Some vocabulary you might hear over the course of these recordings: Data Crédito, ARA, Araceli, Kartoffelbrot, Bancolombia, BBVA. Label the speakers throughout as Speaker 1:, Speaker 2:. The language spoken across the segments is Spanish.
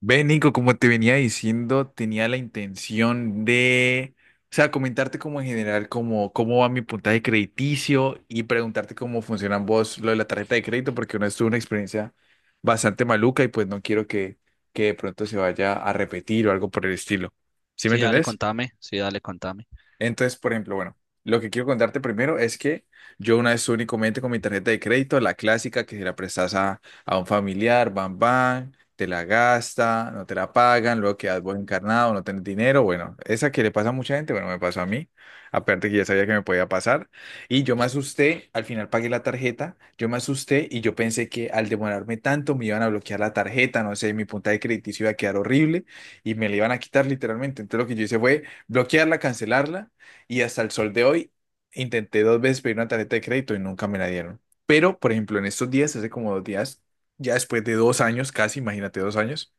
Speaker 1: Ve, Nico, como te venía diciendo, tenía la intención de, o sea, comentarte como en general cómo va mi puntaje crediticio y preguntarte cómo funcionan vos lo de la tarjeta de crédito, porque una vez tuve una experiencia bastante maluca y pues no quiero que de pronto se vaya a repetir o algo por el estilo. ¿Sí me
Speaker 2: Sí, dale,
Speaker 1: entendés?
Speaker 2: contame,
Speaker 1: Entonces, por ejemplo, bueno, lo que quiero contarte primero es que yo una vez únicamente con mi tarjeta de crédito, la clásica que se la prestas a un familiar, bam, bam, te la gasta, no te la pagan, luego quedas vos encarnado, no tenés dinero, bueno, esa que le pasa a mucha gente, bueno, me pasó a mí, aparte que ya sabía que me podía pasar, y yo me asusté, al final pagué la tarjeta, yo me asusté y yo pensé que al demorarme tanto me iban a bloquear la tarjeta, no sé, mi puntaje crediticio iba a quedar horrible y me la iban a quitar literalmente, entonces lo que yo hice fue bloquearla, cancelarla y hasta el sol de hoy intenté 2 veces pedir una tarjeta de crédito y nunca me la dieron. Pero, por ejemplo, en estos días, hace como 2 días, ya después de 2 años, casi, imagínate 2 años,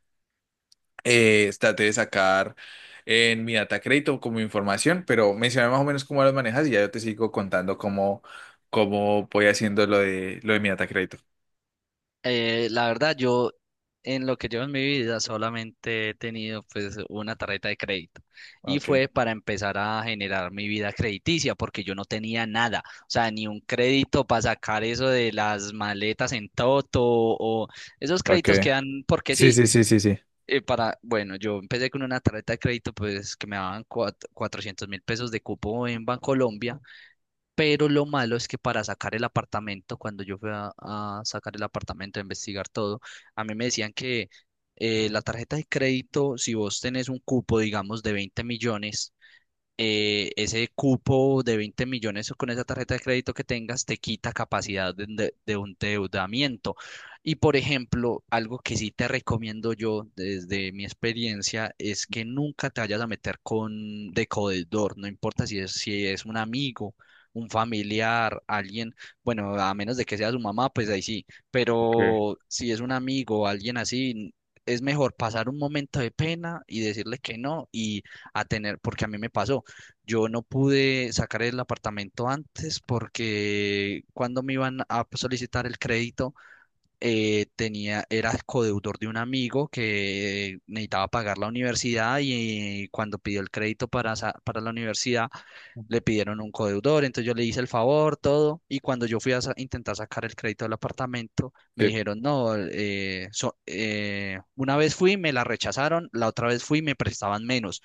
Speaker 1: traté de sacar en mi data crédito como información, pero mencioné más o menos cómo las manejas y ya yo te sigo contando cómo voy haciendo lo de mi data crédito.
Speaker 2: La verdad, yo en lo que llevo en mi vida solamente he tenido pues una tarjeta de crédito, y
Speaker 1: Ok,
Speaker 2: fue para empezar a generar mi vida crediticia porque yo no tenía nada, o sea, ni un crédito para sacar eso de las maletas en Toto o esos
Speaker 1: ok.
Speaker 2: créditos que dan porque
Speaker 1: Sí,
Speaker 2: sí.
Speaker 1: sí, sí, sí, sí.
Speaker 2: Bueno, yo empecé con una tarjeta de crédito pues que me daban 400 mil pesos de cupo en Bancolombia. Pero lo malo es que para sacar el apartamento, cuando yo fui a sacar el apartamento, a investigar todo, a mí me decían que la tarjeta de crédito, si vos tenés un cupo, digamos, de 20 millones, ese cupo de 20 millones con esa tarjeta de crédito que tengas te quita capacidad de un endeudamiento. Y por ejemplo, algo que sí te recomiendo yo desde mi experiencia es que nunca te vayas a meter con de deudor, no importa si es un amigo, un familiar, alguien. Bueno, a menos de que sea su mamá, pues ahí sí,
Speaker 1: Okay.
Speaker 2: pero si es un amigo o alguien así, es mejor pasar un momento de pena y decirle que no y a tener, porque a mí me pasó. Yo no pude sacar el apartamento antes porque cuando me iban a solicitar el crédito, tenía, era codeudor de un amigo que necesitaba pagar la universidad, y cuando pidió el crédito para, para la universidad, le pidieron un codeudor, entonces yo le hice el favor, todo, y cuando yo fui a intentar sacar el crédito del apartamento, me
Speaker 1: Sí.
Speaker 2: dijeron, no, una vez fui, me la rechazaron, la otra vez fui, me prestaban menos,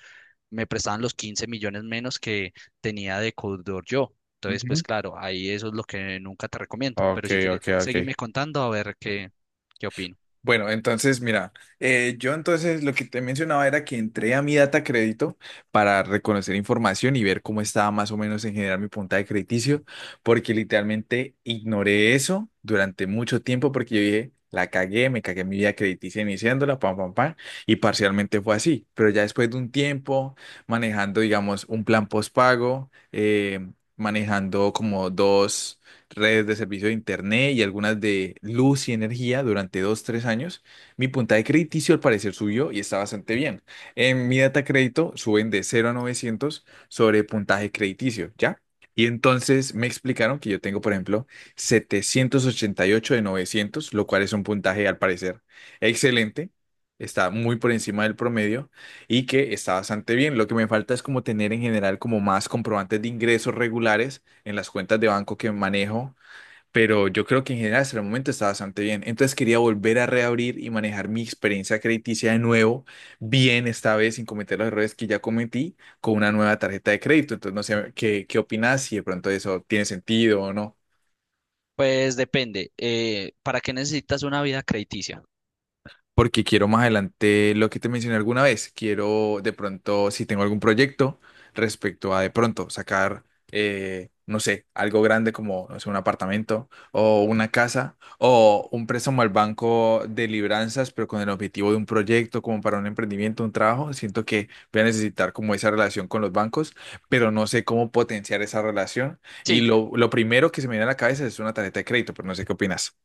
Speaker 2: me prestaban los 15 millones menos que tenía de codeudor yo. Entonces,
Speaker 1: Ujú.
Speaker 2: pues claro, ahí eso es lo que nunca te recomiendo, pero
Speaker 1: Ok,
Speaker 2: si quieres,
Speaker 1: ok, ok.
Speaker 2: seguirme contando a ver qué, qué opino.
Speaker 1: Bueno, entonces, mira, yo entonces lo que te mencionaba era que entré a mi data crédito para reconocer información y ver cómo estaba más o menos en general mi puntaje crediticio, porque literalmente ignoré eso durante mucho tiempo porque yo dije, la cagué, me cagué en mi vida crediticia iniciándola, pam, pam, pam, y parcialmente fue así, pero ya después de un tiempo manejando, digamos, un plan postpago, manejando como dos redes de servicio de Internet y algunas de luz y energía durante 2, 3 años, mi puntaje crediticio al parecer subió y está bastante bien. En mi data crédito suben de 0 a 900 sobre puntaje crediticio, ¿ya? Y entonces me explicaron que yo tengo, por ejemplo, 788 de 900 lo cual es un puntaje al parecer excelente. Está muy por encima del promedio y que está bastante bien. Lo que me falta es como tener en general como más comprobantes de ingresos regulares en las cuentas de banco que manejo, pero yo creo que en general hasta el momento está bastante bien. Entonces quería volver a reabrir y manejar mi experiencia crediticia de nuevo, bien esta vez sin cometer los errores que ya cometí con una nueva tarjeta de crédito. Entonces no sé qué opinas, si de pronto eso tiene sentido o no.
Speaker 2: Pues depende, ¿para qué necesitas una vida crediticia?
Speaker 1: Porque quiero más adelante lo que te mencioné alguna vez. Quiero de pronto, si tengo algún proyecto respecto a de pronto sacar, no sé, algo grande como, no sé, un apartamento o una casa o un préstamo al banco de libranzas, pero con el objetivo de un proyecto como para un emprendimiento, un trabajo, siento que voy a necesitar como esa relación con los bancos, pero no sé cómo potenciar esa relación. Y
Speaker 2: Sí,
Speaker 1: lo primero que se me viene a la cabeza es una tarjeta de crédito, pero no sé qué opinas.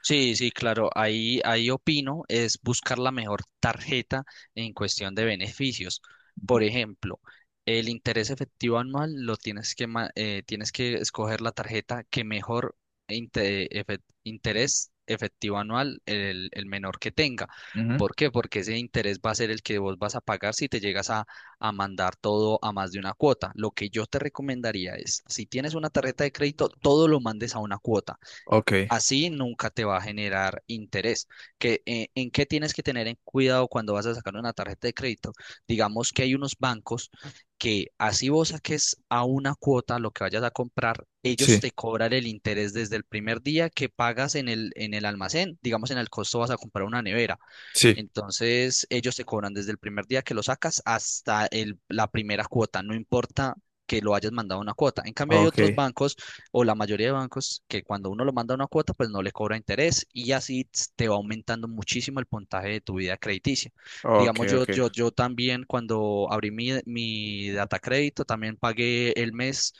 Speaker 2: sí, sí, claro, ahí opino es buscar la mejor tarjeta en cuestión de beneficios. Por ejemplo, el interés efectivo anual lo tienes que, tienes que escoger la tarjeta que mejor interés efectivo anual, el menor que tenga.
Speaker 1: Ujú.
Speaker 2: ¿Por qué? Porque ese interés va a ser el que vos vas a pagar si te llegas a mandar todo a más de una cuota. Lo que yo te recomendaría es, si tienes una tarjeta de crédito, todo lo mandes a una cuota.
Speaker 1: Ok,
Speaker 2: Así nunca te va a generar interés. Que, ¿en qué tienes que tener en cuidado cuando vas a sacar una tarjeta de crédito? Digamos que hay unos bancos que así vos saques a una cuota lo que vayas a comprar, ellos
Speaker 1: sí,
Speaker 2: te cobran el interés desde el primer día que pagas en el almacén. Digamos, en el costo vas a comprar una nevera.
Speaker 1: sí,
Speaker 2: Entonces, ellos te cobran desde el primer día que lo sacas hasta el- la primera cuota, no importa que lo hayas mandado una cuota. En cambio, hay otros
Speaker 1: ok.
Speaker 2: bancos o la mayoría de bancos que cuando uno lo manda una cuota, pues no le cobra interés y así te va aumentando muchísimo el puntaje de tu vida crediticia.
Speaker 1: Ok,
Speaker 2: Digamos,
Speaker 1: ok.
Speaker 2: yo también cuando abrí mi data crédito, también pagué el mes.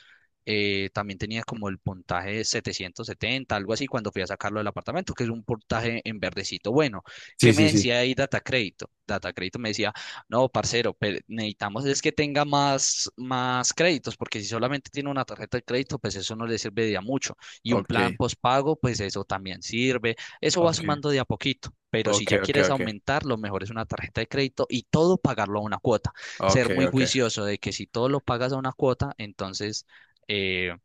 Speaker 2: Eh, también tenía como el puntaje de 770, algo así, cuando fui a sacarlo del apartamento, que es un puntaje en verdecito bueno. ¿Qué
Speaker 1: Sí,
Speaker 2: me
Speaker 1: sí, sí.
Speaker 2: decía ahí Data Crédito? Data Crédito me decía, no, parcero, necesitamos es que tenga más, más créditos, porque si solamente tiene una tarjeta de crédito, pues eso no le serviría mucho. Y un plan
Speaker 1: Ok,
Speaker 2: postpago, pues eso también sirve. Eso va
Speaker 1: ok,
Speaker 2: sumando de a poquito. Pero si
Speaker 1: ok,
Speaker 2: ya
Speaker 1: ok,
Speaker 2: quieres
Speaker 1: ok,
Speaker 2: aumentar, lo mejor es una tarjeta de crédito y todo pagarlo a una cuota.
Speaker 1: ok,
Speaker 2: Ser muy
Speaker 1: ok.
Speaker 2: juicioso de que si todo lo pagas a una cuota, entonces eh,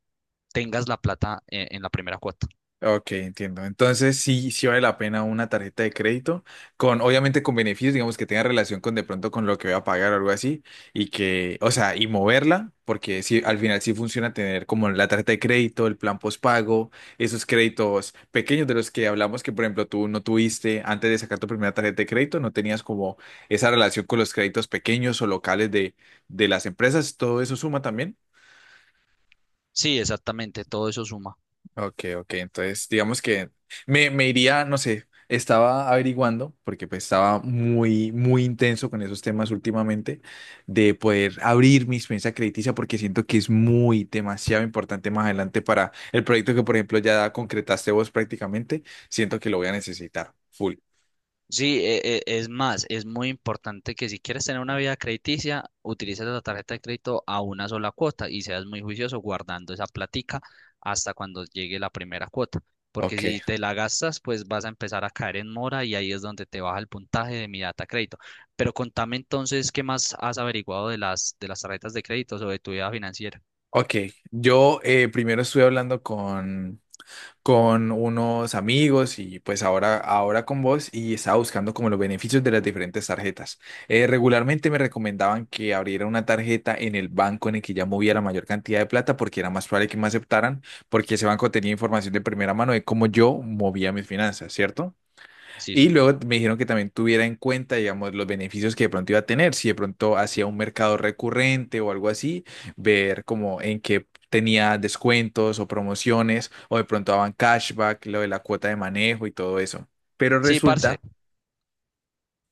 Speaker 2: tengas la plata, en la primera cuota.
Speaker 1: Ok, entiendo. Entonces sí, sí vale la pena una tarjeta de crédito con, obviamente con beneficios, digamos que tenga relación con de pronto con lo que voy a pagar o algo así y que, o sea, y moverla, porque sí, al final sí funciona tener como la tarjeta de crédito, el plan postpago, esos créditos pequeños de los que hablamos que, por ejemplo, tú no tuviste antes de sacar tu primera tarjeta de crédito, no tenías como esa relación con los créditos pequeños o locales de las empresas, todo eso suma también.
Speaker 2: Sí, exactamente, todo eso suma.
Speaker 1: Ok, ok, entonces digamos que me iría, no sé, estaba averiguando, porque pues estaba muy intenso con esos temas últimamente, de poder abrir mi experiencia crediticia, porque siento que es muy, demasiado importante más adelante para el proyecto que, por ejemplo, ya concretaste vos prácticamente, siento que lo voy a necesitar, full.
Speaker 2: Sí, es más, es muy importante que si quieres tener una vida crediticia, utilices la tarjeta de crédito a una sola cuota y seas muy juicioso guardando esa platica hasta cuando llegue la primera cuota. Porque si
Speaker 1: Ok.
Speaker 2: te la gastas, pues vas a empezar a caer en mora y ahí es donde te baja el puntaje de mi data crédito. Pero contame entonces, ¿qué más has averiguado de las tarjetas de crédito o de tu vida financiera?
Speaker 1: Ok, yo primero estuve hablando con unos amigos y pues ahora con vos y estaba buscando como los beneficios de las diferentes tarjetas. Regularmente me recomendaban que abriera una tarjeta en el banco en el que ya movía la mayor cantidad de plata porque era más probable que me aceptaran porque ese banco tenía información de primera mano de cómo yo movía mis finanzas, ¿cierto?
Speaker 2: Sí,
Speaker 1: Y
Speaker 2: señor.
Speaker 1: luego me dijeron que también tuviera en cuenta, digamos, los beneficios que de pronto iba a tener, si de pronto hacía un mercado recurrente o algo así, ver como en qué tenía descuentos o promociones, o de pronto daban cashback, lo de la cuota de manejo y todo eso. Pero
Speaker 2: Sí, parce.
Speaker 1: resulta,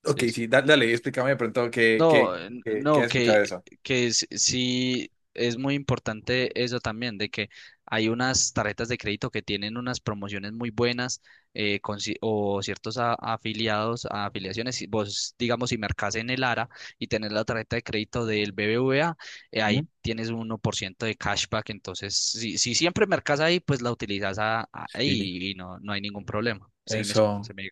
Speaker 1: ok,
Speaker 2: Sí, sí.
Speaker 1: sí, dale, explícame de pronto qué, qué,
Speaker 2: No, n-
Speaker 1: qué, qué
Speaker 2: no,
Speaker 1: has escuchado de eso.
Speaker 2: que sí es muy importante eso también, de que hay unas tarjetas de crédito que tienen unas promociones muy buenas, con ci- o ciertos afiliados, a afiliaciones. Si Vos, digamos, si mercás en el ARA y tenés la tarjeta de crédito del BBVA,
Speaker 1: Ujú.
Speaker 2: ahí tienes un 1% de cashback. Entonces, si siempre mercás ahí, pues la utilizas
Speaker 1: Sí.
Speaker 2: ahí y no, no hay ningún problema. Seguime,
Speaker 1: Eso.
Speaker 2: se me...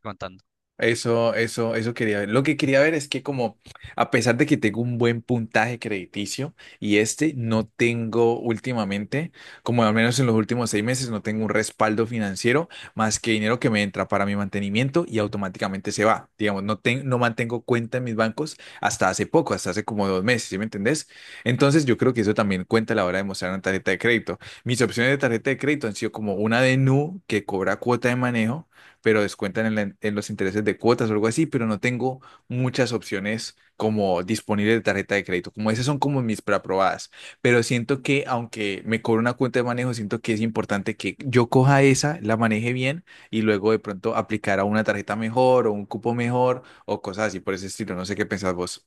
Speaker 1: Eso quería ver. Lo que quería ver es que como, a pesar de que tengo un buen puntaje crediticio y este no tengo últimamente, como al menos en los últimos 6 meses, no tengo un respaldo financiero más que dinero que me entra para mi mantenimiento y automáticamente se va. Digamos, no, no mantengo cuenta en mis bancos hasta hace poco, hasta hace como 2 meses, ¿sí me entendés? Entonces yo creo que eso también cuenta a la hora de mostrar una tarjeta de crédito. Mis opciones de tarjeta de crédito han sido como una de Nu que cobra cuota de manejo pero descuentan en los intereses de cuotas o algo así, pero no tengo muchas opciones como disponibles de tarjeta de crédito. Como esas son como mis preaprobadas, pero siento que aunque me cobro una cuenta de manejo, siento que es importante que yo coja esa, la maneje bien y luego de pronto aplicar a una tarjeta mejor o un cupo mejor o cosas así por ese estilo. No sé qué pensás vos.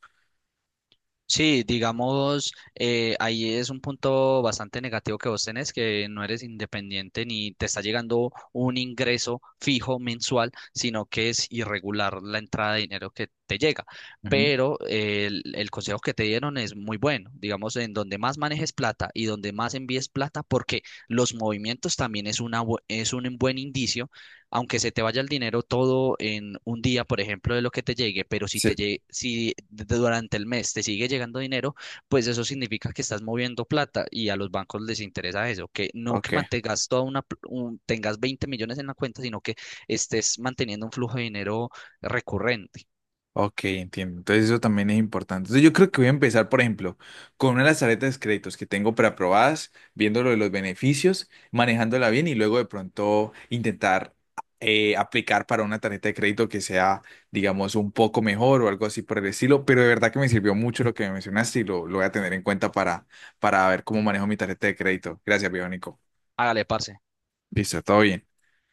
Speaker 2: Sí, digamos, ahí es un punto bastante negativo que vos tenés, que no eres independiente ni te está llegando un ingreso fijo mensual, sino que es irregular la entrada de dinero que te llega.
Speaker 1: Ujú.
Speaker 2: Pero el consejo que te dieron es muy bueno, digamos, en donde más manejes plata y donde más envíes plata, porque los movimientos también es un buen indicio, aunque se te vaya el dinero todo en un día, por ejemplo, de lo que te llegue, pero si
Speaker 1: Sí,
Speaker 2: te llegue, si durante el mes te sigue llegando dinero, pues eso significa que estás moviendo plata y a los bancos les interesa eso, que no que
Speaker 1: ok.
Speaker 2: mantengas toda una, pl- un- tengas 20 millones en la cuenta, sino que estés manteniendo un flujo de dinero recurrente.
Speaker 1: Ok, entiendo. Entonces eso también es importante. Entonces yo creo que voy a empezar, por ejemplo, con una de las tarjetas de créditos que tengo preaprobadas, viendo lo de los beneficios, manejándola bien y luego de pronto intentar aplicar para una tarjeta de crédito que sea, digamos, un poco mejor o algo así por el estilo. Pero de verdad que me sirvió mucho lo que me mencionaste y lo voy a tener en cuenta para ver cómo manejo mi tarjeta de crédito. Gracias, Bionico.
Speaker 2: Hágale, parce.
Speaker 1: Listo, todo bien.